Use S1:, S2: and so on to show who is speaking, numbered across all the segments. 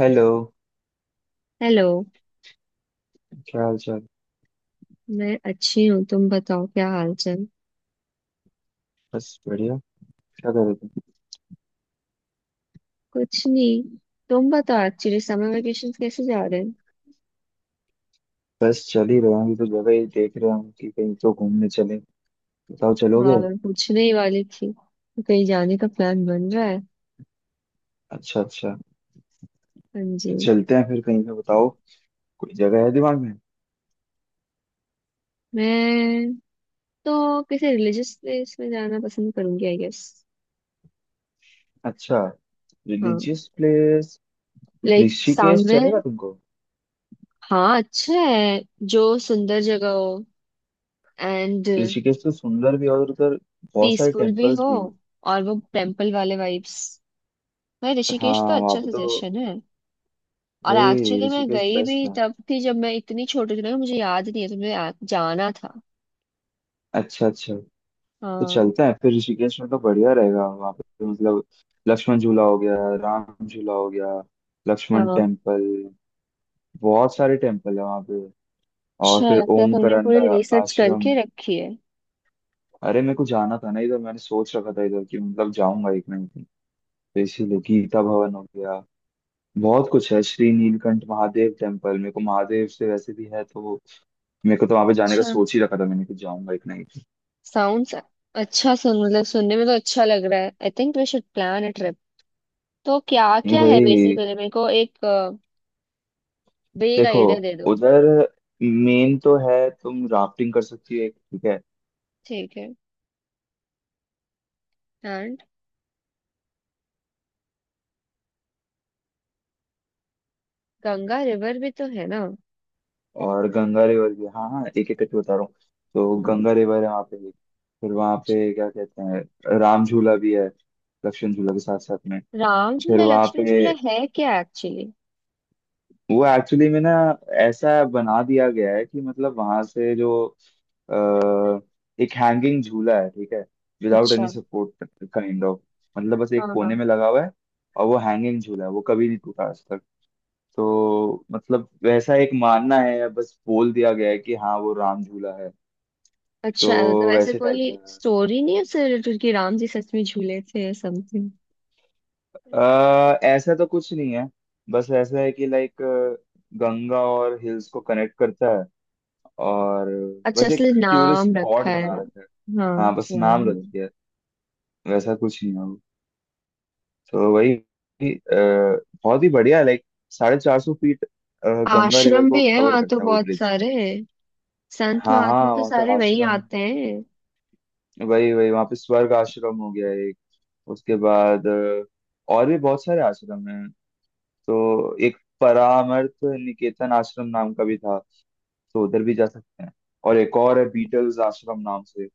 S1: Hello.
S2: Hello.
S1: क्या हाल चाल?
S2: मैं अच्छी हूँ, तुम बताओ, क्या हाल चाल?
S1: बस बढ़िया। क्या कर रहे थे?
S2: कुछ नहीं। तुम बताओ, एक्चुअली समर वेकेशन कैसे जा रहे हैं?
S1: बस चल ही रहा हूँ तो जगह ही देख रहा हूँ कि कहीं तो घूमने चले। बताओ, चलोगे?
S2: और पूछने ही वाली थी, तो कहीं जाने का प्लान बन रहा है?
S1: अच्छा, अच्छा।
S2: हाँ जी।
S1: तो चलते हैं फिर कहीं पे, बताओ। कोई जगह है दिमाग में?
S2: मैं तो किसी रिलीजियस प्लेस में जाना पसंद करूंगी, आई गेस।
S1: अच्छा,
S2: हाँ,
S1: religious place.
S2: Like
S1: Rishikesh
S2: somewhere.
S1: चलेगा तुमको?
S2: हाँ, अच्छा है। जो सुंदर जगह हो एंड
S1: ऋषिकेश तो सुंदर भी है और उधर बहुत सारे
S2: पीसफुल भी
S1: टेम्पल्स
S2: हो।
S1: भी हैं।
S2: और वो टेम्पल वाले वाइब्स। भाई,
S1: हाँ,
S2: ऋषिकेश तो
S1: वहाँ
S2: अच्छा
S1: पे तो
S2: सजेशन है। और
S1: वही
S2: एक्चुअली मैं
S1: ऋषिकेश
S2: गई भी
S1: बेस्ट है।
S2: तब थी जब मैं इतनी छोटी थी ना, मुझे याद नहीं है, तो मुझे जाना था।
S1: अच्छा, अच्छा। तो
S2: हाँ
S1: चलते हैं फिर ऋषिकेश में, तो बढ़िया रहेगा वहाँ पे, तो मतलब लक्ष्मण झूला हो गया, राम झूला हो गया, लक्ष्मण
S2: हाँ।
S1: टेम्पल, बहुत सारे टेम्पल है वहाँ पे। और
S2: अच्छा
S1: फिर
S2: लगता है, तुमने
S1: ओमकारांडा
S2: पूरी रिसर्च
S1: आश्रम।
S2: करके रखी है।
S1: अरे, मेरे को जाना था ना इधर, मैंने सोच रखा था इधर कि मतलब जाऊंगा एक ना एक दिन, तो इसीलिए। गीता भवन हो गया, बहुत कुछ है। श्री नीलकंठ महादेव टेम्पल, मेरे को महादेव से वैसे भी है तो मेरे को तो वहां पे जाने का
S2: अच्छा।
S1: सोच ही रखा था मैंने कि जाऊंगा एक ना एक दिन।
S2: साउंड्स अच्छा, सुन मतलब सुनने में तो अच्छा लग रहा है। I think we should plan a trip. तो क्या
S1: नहीं
S2: क्या है
S1: भाई,
S2: बेसिकली? मेरे को एक बेग
S1: देखो,
S2: आइडिया दे दो।
S1: उधर मेन तो है, तुम राफ्टिंग कर सकती हो एक, ठीक है।
S2: ठीक है। एंड गंगा रिवर भी तो है ना?
S1: और गंगा रिवर भी, हाँ हाँ, एक एक करके बता रहा हूँ। तो गंगा रिवर है वहाँ पे एक। फिर वहाँ पे क्या कहते हैं, राम झूला भी है लक्ष्मण झूला के साथ साथ में।
S2: राम
S1: फिर
S2: झूला
S1: वहाँ
S2: लक्ष्मण
S1: पे
S2: झूला है क्या एक्चुअली?
S1: वो एक्चुअली में ना ऐसा बना दिया गया है कि मतलब वहाँ से जो अ, एक हैंगिंग झूला है, ठीक है, विदाउट एनी
S2: अच्छा।
S1: Support, kind of. मतलब बस
S2: हाँ
S1: एक कोने
S2: हाँ।
S1: में लगा हुआ है और वो हैंगिंग झूला है, वो कभी नहीं टूटा आज तक। तो मतलब वैसा एक मानना है या बस बोल दिया गया है कि हाँ, वो राम झूला है। तो
S2: अच्छा, मतलब ऐसे
S1: वैसे टाइप
S2: कोई
S1: का है,
S2: स्टोरी नहीं है उससे रिलेटेड कि राम जी सच में झूले थे समथिंग?
S1: ऐसा तो कुछ नहीं है। बस ऐसा है कि लाइक गंगा और हिल्स को कनेक्ट करता है, और
S2: अच्छा,
S1: बस एक
S2: इसलिए
S1: टूरिस्ट
S2: नाम
S1: स्पॉट
S2: रखा है
S1: बना
S2: राम।
S1: रखा है।
S2: हाँ।
S1: हाँ, बस
S2: राम
S1: नाम रख
S2: जी।
S1: दिया है, वैसा कुछ नहीं है वो। तो वही बहुत ही बढ़िया लाइक 450 फीट गंगा रिवर
S2: आश्रम
S1: को
S2: भी है
S1: कवर
S2: वहां तो
S1: करता है वो
S2: बहुत
S1: ब्रिज।
S2: सारे, संत
S1: हाँ
S2: महात्मा
S1: हाँ,
S2: तो
S1: वहाँ का
S2: सारे वहीं
S1: आश्रम।
S2: आते हैं।
S1: वही वही, वहाँ पे स्वर्ग आश्रम हो गया एक। उसके बाद और भी बहुत सारे आश्रम हैं। तो एक परामर्थ निकेतन आश्रम नाम का भी था, तो उधर भी जा सकते हैं। और एक और है बीटल्स आश्रम नाम से।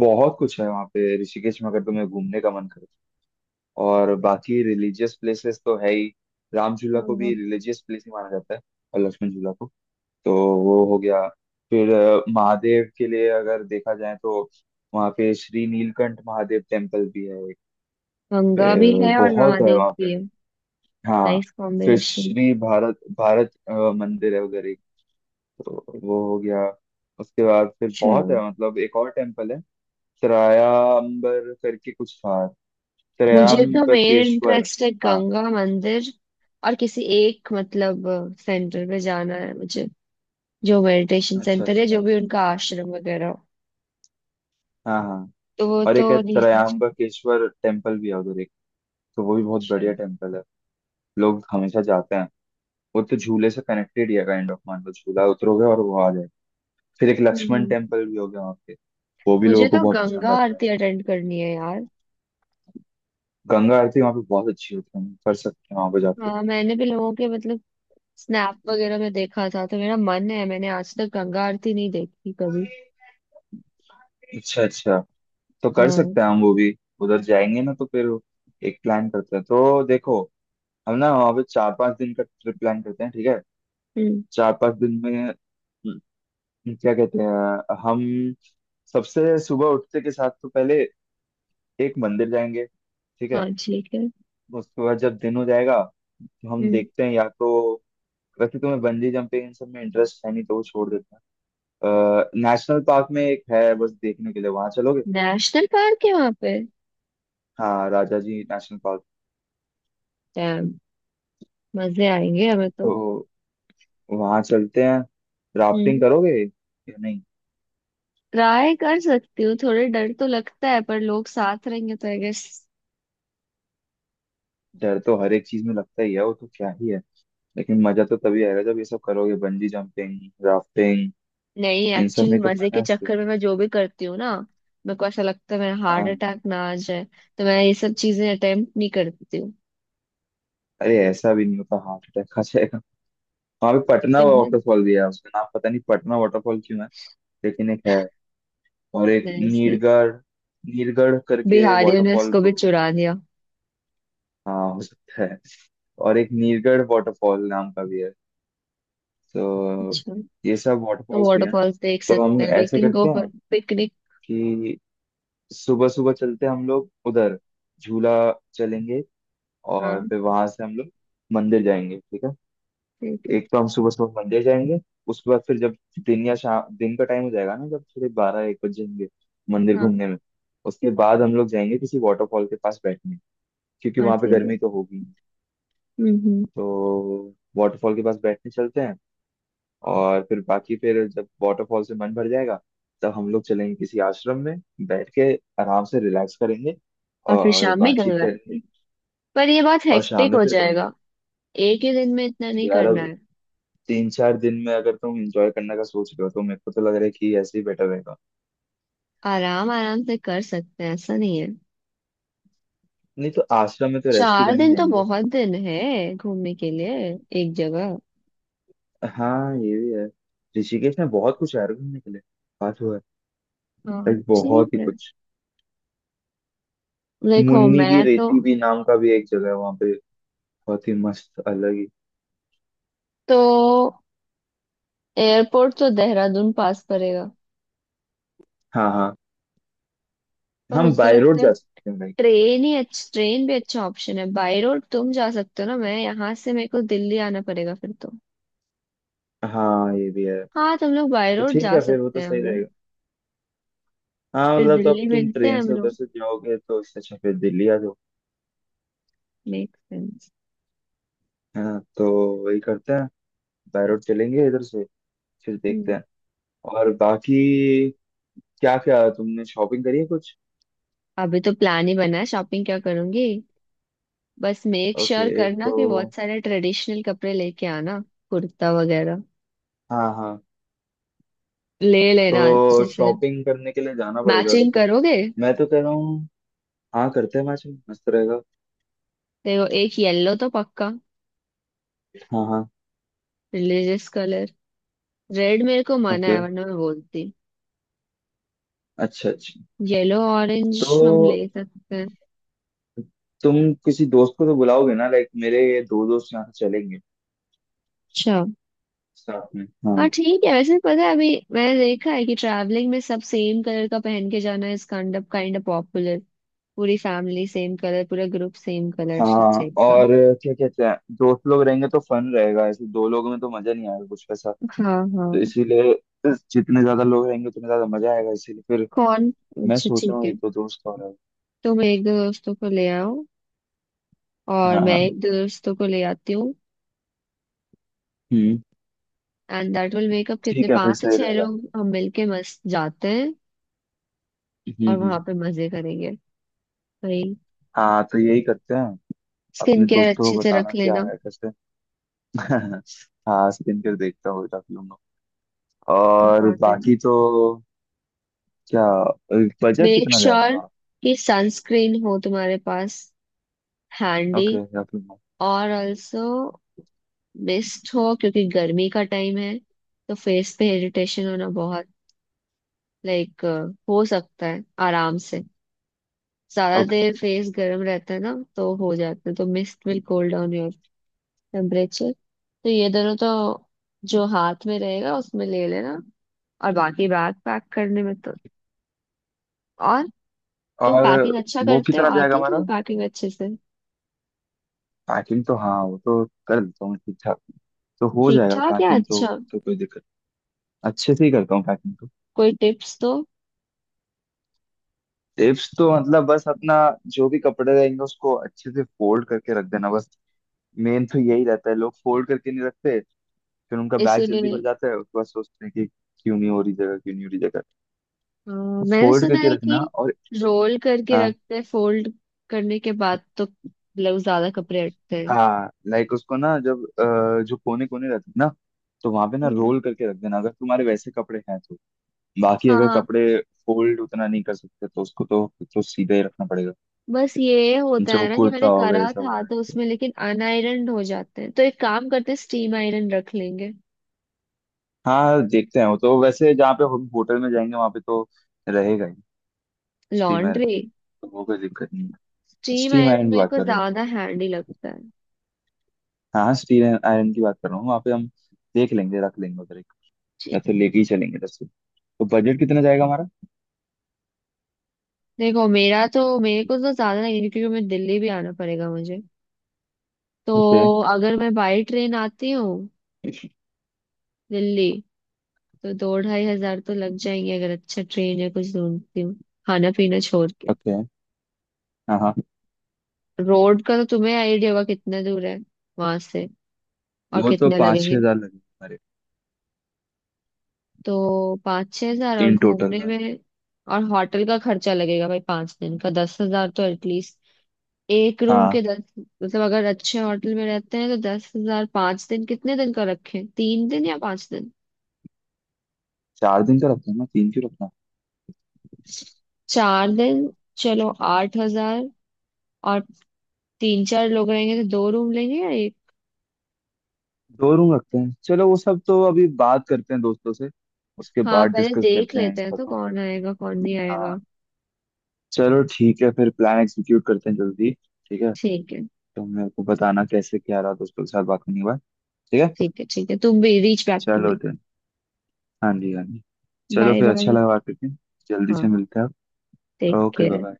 S1: बहुत कुछ है वहाँ पे ऋषिकेश में, अगर तुम्हें घूमने का मन करे। और बाकी रिलीजियस प्लेसेस तो है ही। राम झूला को भी
S2: हाँ,
S1: रिलीजियस प्लेस ही माना जाता है और लक्ष्मण झूला को। तो वो हो गया। फिर महादेव के लिए अगर देखा जाए तो वहाँ पे श्री नीलकंठ महादेव टेम्पल भी है एक।
S2: गंगा भी
S1: फिर
S2: है और
S1: बहुत है
S2: महादेव
S1: वहाँ पे।
S2: भी है।
S1: हाँ।
S2: नाइस
S1: फिर
S2: कॉम्बिनेशन।
S1: श्री भारत भारत अ, मंदिर है उधर एक, तो वो हो गया। उसके बाद फिर
S2: अच्छा।
S1: बहुत है, मतलब एक और टेम्पल है, त्रयाम्बर करके कुछ था,
S2: मुझे तो मेन
S1: त्रयाम्बकेश्वर।
S2: इंटरेस्ट है
S1: हाँ।
S2: गंगा मंदिर और किसी एक मतलब सेंटर पे जाना है मुझे, जो मेडिटेशन
S1: अच्छा,
S2: सेंटर है,
S1: अच्छा।
S2: जो भी उनका आश्रम वगैरह हो।
S1: हाँ हाँ।
S2: तो वो
S1: और
S2: तो
S1: एक है
S2: नहीं- सोच-।
S1: त्रयाम्बकेश्वर टेम्पल भी है उधर एक, तो वो भी बहुत
S2: अच्छा।
S1: बढ़िया टेम्पल है, लोग हमेशा जाते हैं। वो तो झूले से कनेक्टेड ही है काइंड ऑफ, मान लो झूला उतरोगे और वो आ जाए। फिर एक लक्ष्मण
S2: हम्म।
S1: टेम्पल भी हो गया वहाँ पे, वो भी
S2: मुझे
S1: लोगों को
S2: तो
S1: बहुत
S2: गंगा
S1: पसंद आता है।
S2: आरती अटेंड करनी है यार।
S1: गंगा आरती वहाँ पे बहुत अच्छी होती है, कर सकते हैं वहाँ पे जाके।
S2: हाँ, मैंने भी लोगों के मतलब स्नैप वगैरह में देखा था तो मेरा मन है, मैंने आज तक गंगा आरती नहीं देखी कभी।
S1: अच्छा, अच्छा। तो कर
S2: हाँ।
S1: सकते हैं हम वो भी। उधर जाएंगे ना, तो फिर एक प्लान करते हैं। तो देखो, हम ना वहाँ पे 4-5 दिन का ट्रिप प्लान करते हैं, ठीक है।
S2: हम्म।
S1: 4-5 दिन में क्या कहते हैं हम, सबसे सुबह उठते के साथ तो पहले एक मंदिर जाएंगे, ठीक
S2: हाँ,
S1: है।
S2: ठीक है।
S1: उसके बाद जब दिन हो जाएगा तो हम
S2: हम्म।
S1: देखते हैं, या तो वैसे तुम्हें बंजी जंपिंग इन सब में इंटरेस्ट है, नहीं तो वो छोड़ देते हैं। नेशनल पार्क में एक है बस देखने के लिए, वहां चलोगे?
S2: नेशनल पार्क है वहां पे?
S1: हाँ, Rajaji National Park,
S2: damn, मजे आएंगे हमें तो।
S1: तो वहां चलते हैं। राफ्टिंग
S2: हम्म।
S1: करोगे या नहीं?
S2: ट्राई कर सकती हूँ, थोड़े डर तो लगता है, पर लोग साथ रहेंगे तो आई गेस।
S1: डर तो हर एक चीज में लगता ही है, वो तो क्या ही है, लेकिन मजा तो तभी आएगा जब ये सब करोगे, बंजी जंपिंग, राफ्टिंग,
S2: नहीं,
S1: इन सब
S2: एक्चुअली
S1: में तो
S2: मजे
S1: फन
S2: के
S1: है।
S2: चक्कर में मैं जो भी करती हूँ ना, मेरे को ऐसा लगता है मेरा हार्ट
S1: हाँ,
S2: अटैक ना आ जाए, तो मैं ये सब चीजें अटेम्प्ट नहीं करती हूँ।
S1: अरे, ऐसा भी नहीं होता हार्ट अटैक आ जाएगा। वहां पे पटना
S2: तो मैं
S1: वाटरफॉल भी है, उसका नाम पता नहीं पटना वाटरफॉल क्यों है, लेकिन एक है। और एक
S2: मैं इसमें-
S1: नीरगढ़, नीरगढ़ करके
S2: बिहारियों ने
S1: वाटरफॉल
S2: इसको भी
S1: रोड है।
S2: चुरा दिया।
S1: हाँ, हो सकता है। और एक नीरगढ़ वाटरफॉल नाम का भी है, तो
S2: अच्छा।
S1: ये सब
S2: तो
S1: वाटरफॉल्स भी हैं।
S2: वाटरफॉल्स देख
S1: तो
S2: सकते
S1: हम
S2: हैं, वी
S1: ऐसे
S2: कैन गो
S1: करते
S2: फॉर
S1: हैं
S2: पिकनिक।
S1: कि सुबह सुबह चलते हैं हम लोग उधर, झूला चलेंगे और
S2: हाँ,
S1: फिर वहां से हम लोग मंदिर जाएंगे, ठीक है।
S2: ठीक है।
S1: एक तो हम सुबह सुबह मंदिर जाएंगे, उसके बाद फिर जब दिन या शाम, दिन का टाइम हो जाएगा ना, जब थोड़े 12-1 बज जाएंगे मंदिर
S2: हाँ
S1: घूमने में, उसके बाद हम लोग जाएंगे किसी वाटरफॉल के पास बैठने, क्योंकि
S2: हाँ,
S1: वहां पे
S2: ठीक है।
S1: गर्मी तो होगी,
S2: हम्म।
S1: तो वाटरफॉल के पास बैठने चलते हैं। और फिर बाकी फिर जब वाटरफॉल से मन भर जाएगा, तब हम लोग चलेंगे किसी आश्रम में, बैठ के आराम से रिलैक्स करेंगे
S2: और फिर
S1: और
S2: शाम में
S1: बातचीत
S2: गंगा
S1: करेंगे।
S2: आरती। पर ये बहुत
S1: और शाम
S2: हेक्टिक
S1: में
S2: हो
S1: फिर गंगा।
S2: जाएगा। एक ही दिन में इतना
S1: तो
S2: नहीं
S1: यार अब
S2: करना है।
S1: 3-4 दिन में अगर तुम एंजॉय करने का सोच रहे हो तो मेरे को तो लग रहा है कि ऐसे ही बेटर रहेगा।
S2: आराम आराम से कर सकते हैं, ऐसा नहीं है।
S1: नहीं तो आश्रम में तो रेस्ट ही
S2: चार
S1: करने
S2: दिन तो
S1: जाएंगे।
S2: बहुत दिन है घूमने के लिए एक जगह।
S1: हाँ, ये भी है। ऋषिकेश में बहुत कुछ है यार घूमने के लिए, बात हुआ है
S2: हाँ,
S1: लाइक
S2: ठीक
S1: बहुत ही
S2: है।
S1: कुछ।
S2: देखो,
S1: मुन्नी की
S2: मैं तो
S1: रेती भी नाम का भी एक जगह है वहां पे, बहुत ही मस्त, अलग ही।
S2: तो एयरपोर्ट तो देहरादून पास पड़ेगा,
S1: हाँ हाँ।
S2: पर
S1: हम
S2: मुझे तो
S1: बाय रोड
S2: लगता है
S1: जा सकते हैं भाई।
S2: ट्रेन ही अच्छा, ट्रेन भी अच्छा ऑप्शन है। बाई रोड तुम जा सकते हो ना, मैं यहाँ से- मेरे को दिल्ली आना पड़ेगा फिर तो।
S1: हाँ, ये भी है।
S2: हाँ, तुम लोग बाई
S1: तो
S2: रोड
S1: ठीक
S2: जा
S1: है फिर, वो
S2: सकते
S1: तो
S2: हैं, हम
S1: सही
S2: लोग
S1: रहेगा। हाँ,
S2: फिर
S1: मतलब तो अब
S2: दिल्ली
S1: तुम
S2: मिलते हैं
S1: ट्रेन
S2: हम
S1: से उधर
S2: लोग।
S1: से जाओगे, तो इससे अच्छा फिर दिल्ली आ जाओ,
S2: मेक सेंस।
S1: है ना? तो वही करते हैं, बाय रोड चलेंगे इधर से, फिर देखते
S2: हम्म।
S1: हैं। और बाकी, क्या क्या तुमने शॉपिंग करी है कुछ?
S2: अभी तो प्लान ही बना है, शॉपिंग क्या करूंगी। बस मेक श्योर
S1: ओके।
S2: sure करना
S1: तो
S2: कि बहुत सारे ट्रेडिशनल कपड़े लेके आना, कुर्ता वगैरह
S1: हाँ हाँ,
S2: ले लेना
S1: तो
S2: अच्छे से।
S1: शॉपिंग करने के लिए जाना पड़ेगा अभी
S2: मैचिंग
S1: तो।
S2: करोगे?
S1: मैं तो कह रहा हूँ हाँ, करते हैं मैच, मस्त रहेगा।
S2: देखो, एक येलो तो पक्का,
S1: हाँ हाँ।
S2: Religious colour. रेड मेरे को मना
S1: ओके।
S2: है, वरना मैं बोलती।
S1: अच्छा, अच्छा।
S2: येलो,
S1: तो
S2: ऑरेंज हम ले सकते हैं।
S1: तुम किसी दोस्त को तो बुलाओगे ना, लाइक मेरे दो दोस्त यहाँ से चलेंगे
S2: अच्छा।
S1: साथ में,
S2: हाँ,
S1: हाँ।
S2: ठीक है। वैसे पता है, अभी मैंने देखा है कि ट्रैवलिंग में सब सेम कलर का पहन के जाना इज काइंड ऑफ पॉपुलर। पूरी फैमिली सेम कलर, पूरा ग्रुप सेम कलर
S1: हाँ,
S2: टाइप का।
S1: और क्या कहते हैं, दोस्त लोग रहेंगे तो फन रहेगा, ऐसे दो लोगों में तो मजा नहीं आएगा कुछ पैसा।
S2: हाँ हाँ।
S1: तो इसीलिए जितने ज्यादा लोग रहेंगे उतने ज्यादा मजा आएगा, इसीलिए फिर
S2: कौन?
S1: मैं
S2: अच्छा,
S1: सोच रहा
S2: ठीक
S1: हूँ
S2: है।
S1: एक दो दोस्त और हैं।
S2: तुम एक दो दोस्तों को ले आओ और
S1: हाँ
S2: मैं
S1: हाँ।
S2: एक दो दोस्तों को ले आती हूँ।
S1: Hmm.
S2: And that will make up कितने,
S1: ठीक है फिर,
S2: पांच से
S1: सही
S2: छह
S1: रहेगा।
S2: लोग, हम मिलके मस्त जाते हैं। और वहां
S1: हम्म।
S2: पे मजे करेंगे भाई।
S1: हाँ, तो यही करते हैं।
S2: स्किन
S1: अपने
S2: केयर
S1: दोस्तों
S2: अच्छे
S1: को
S2: से रख
S1: बताना क्या
S2: लेना,
S1: है कैसे। हाँ, स्क्रीन पर देखता हूँ। और
S2: इम्पोर्टेंट।
S1: बाकी तो क्या, बजट
S2: मेक
S1: कितना जाएगा
S2: श्योर
S1: हमारा?
S2: कि सनस्क्रीन हो तुम्हारे पास हैंडी,
S1: ओके।
S2: और ऑल्सो मिस्ट हो, क्योंकि गर्मी का टाइम है। तो फेस पे इरिटेशन होना बहुत लाइक हो सकता है आराम से, ज्यादा
S1: ओके।
S2: देर फेस गर्म रहता है ना तो हो जाता है, तो mist will cool down your temperature. तो ये दोनों तो जो हाथ में रहेगा उसमें ले लेना। और बाकी बैग पैक करने में तो, और तुम
S1: और
S2: पैकिंग अच्छा
S1: वो
S2: करते हो?
S1: कितना जाएगा
S2: आती है
S1: हमारा?
S2: तुम्हें पैकिंग अच्छे से?
S1: पैकिंग तो हाँ, वो तो कर देता हूँ ठीक ठाक, तो हो
S2: ठीक
S1: जाएगा
S2: ठाक या
S1: पैकिंग तो।
S2: अच्छा?
S1: तो कोई दिक्कत, अच्छे से ही करता हूँ पैकिंग तो।
S2: कोई टिप्स दो।
S1: टिप्स तो मतलब बस अपना जो भी कपड़े रहेंगे उसको अच्छे से फोल्ड करके रख देना बस। मेन तो यही रहता है, लोग फोल्ड करके नहीं रखते, फिर उनका बैग जल्दी
S2: इसीलिए
S1: भर जाता है, उसके बाद सोचते हैं कि क्यों नहीं हो रही जगह, क्यों नहीं हो रही जगह।
S2: अ,
S1: तो
S2: मैंने
S1: फोल्ड
S2: सुना
S1: करके
S2: है
S1: रखना,
S2: कि
S1: और
S2: रोल करके
S1: हाँ,
S2: रखते हैं, फोल्ड करने के बाद तो मतलब ज्यादा कपड़े हटते हैं।
S1: हाँ, लाइक उसको ना जब जो कोने कोने रहते हैं ना, तो वहां पे ना
S2: हम्म।
S1: रोल करके रख देना, अगर तुम्हारे वैसे कपड़े हैं तो। बाकी अगर
S2: हाँ,
S1: कपड़े फोल्ड उतना नहीं कर सकते, तो उसको तो सीधा ही रखना पड़ेगा।
S2: बस ये होता
S1: जो
S2: है ना कि
S1: कुर्ता
S2: मैंने
S1: हो गया, ये
S2: करा
S1: सब हो
S2: था तो
S1: गया,
S2: उसमें, लेकिन अनआयरन हो जाते हैं, तो एक काम करते हैं, स्टीम आयरन रख लेंगे।
S1: हाँ देखते हैं। वो तो वैसे जहाँ पे हम होटल में जाएंगे वहां पे तो रहेगा ही, स्टीम आयरन,
S2: लॉन्ड्री।
S1: वो कोई दिक्कत नहीं है।
S2: स्टीम
S1: स्टीम
S2: आयरन
S1: आयरन की
S2: मेरे
S1: बात
S2: को
S1: कर रहा हूँ,
S2: ज्यादा हैंडी लगता है।
S1: हाँ हाँ, स्टीम आयरन की बात कर रहा हूँ। वहाँ पे हम देख लेंगे, रख लेंगे उधर एक, या
S2: जी।
S1: फिर लेके ही चलेंगे इधर से। तो बजट कितना जाएगा हमारा?
S2: देखो, मेरा तो- मेरे को तो ज्यादा नहीं, क्योंकि मैं दिल्ली भी आना पड़ेगा मुझे
S1: ओके।
S2: तो। अगर मैं बाई ट्रेन आती हूँ दिल्ली, तो दो ढाई हजार तो लग जाएंगे अगर अच्छा ट्रेन या कुछ ढूंढती हूँ, खाना पीना छोड़ के।
S1: ओके। हाँ हाँ,
S2: रोड का तो तुम्हें आइडिया होगा कितना दूर है वहां से और
S1: वो तो
S2: कितने
S1: पाँच छह
S2: लगेंगे।
S1: हजार लगे हमारे
S2: तो 5-6 हजार, और
S1: इन टोटल
S2: घूमने
S1: में।
S2: में और होटल का खर्चा लगेगा भाई। 5 दिन का 10,000 तो एटलीस्ट, एक रूम के
S1: हाँ,
S2: दस। मतलब अगर अच्छे होटल में रहते हैं तो 10,000 5 दिन। कितने दिन का रखें, 3 दिन या 5 दिन?
S1: 4 दिन का रखते हैं ना, तीन क्यों रखना।
S2: 4 दिन। चलो, 8,000। और तीन चार लोग रहेंगे तो दो रूम लेंगे या एक?
S1: दो रूम रखते हैं, चलो वो सब तो अभी बात करते हैं दोस्तों से, उसके
S2: हाँ,
S1: बाद
S2: पहले
S1: डिस्कस
S2: देख
S1: करते हैं
S2: लेते हैं
S1: इसका
S2: तो
S1: तो।
S2: कौन आएगा कौन नहीं आएगा।
S1: हाँ। चलो ठीक है फिर, प्लान एग्जीक्यूट करते हैं जल्दी। ठीक है,
S2: ठीक है।
S1: तो मेरे को बताना कैसे क्या रहा दोस्तों के साथ बात करने के बाद। ठीक है।
S2: ठीक है ठीक है, तुम भी रीच बैक टू
S1: चलो
S2: मी।
S1: तो हाँ जी, हाँ जी। चलो
S2: बाय
S1: फिर, अच्छा
S2: बाय।
S1: लगा बात करके, जल्दी
S2: हाँ।
S1: से मिलते हैं। आप।
S2: Take
S1: okay,
S2: care.
S1: बाय।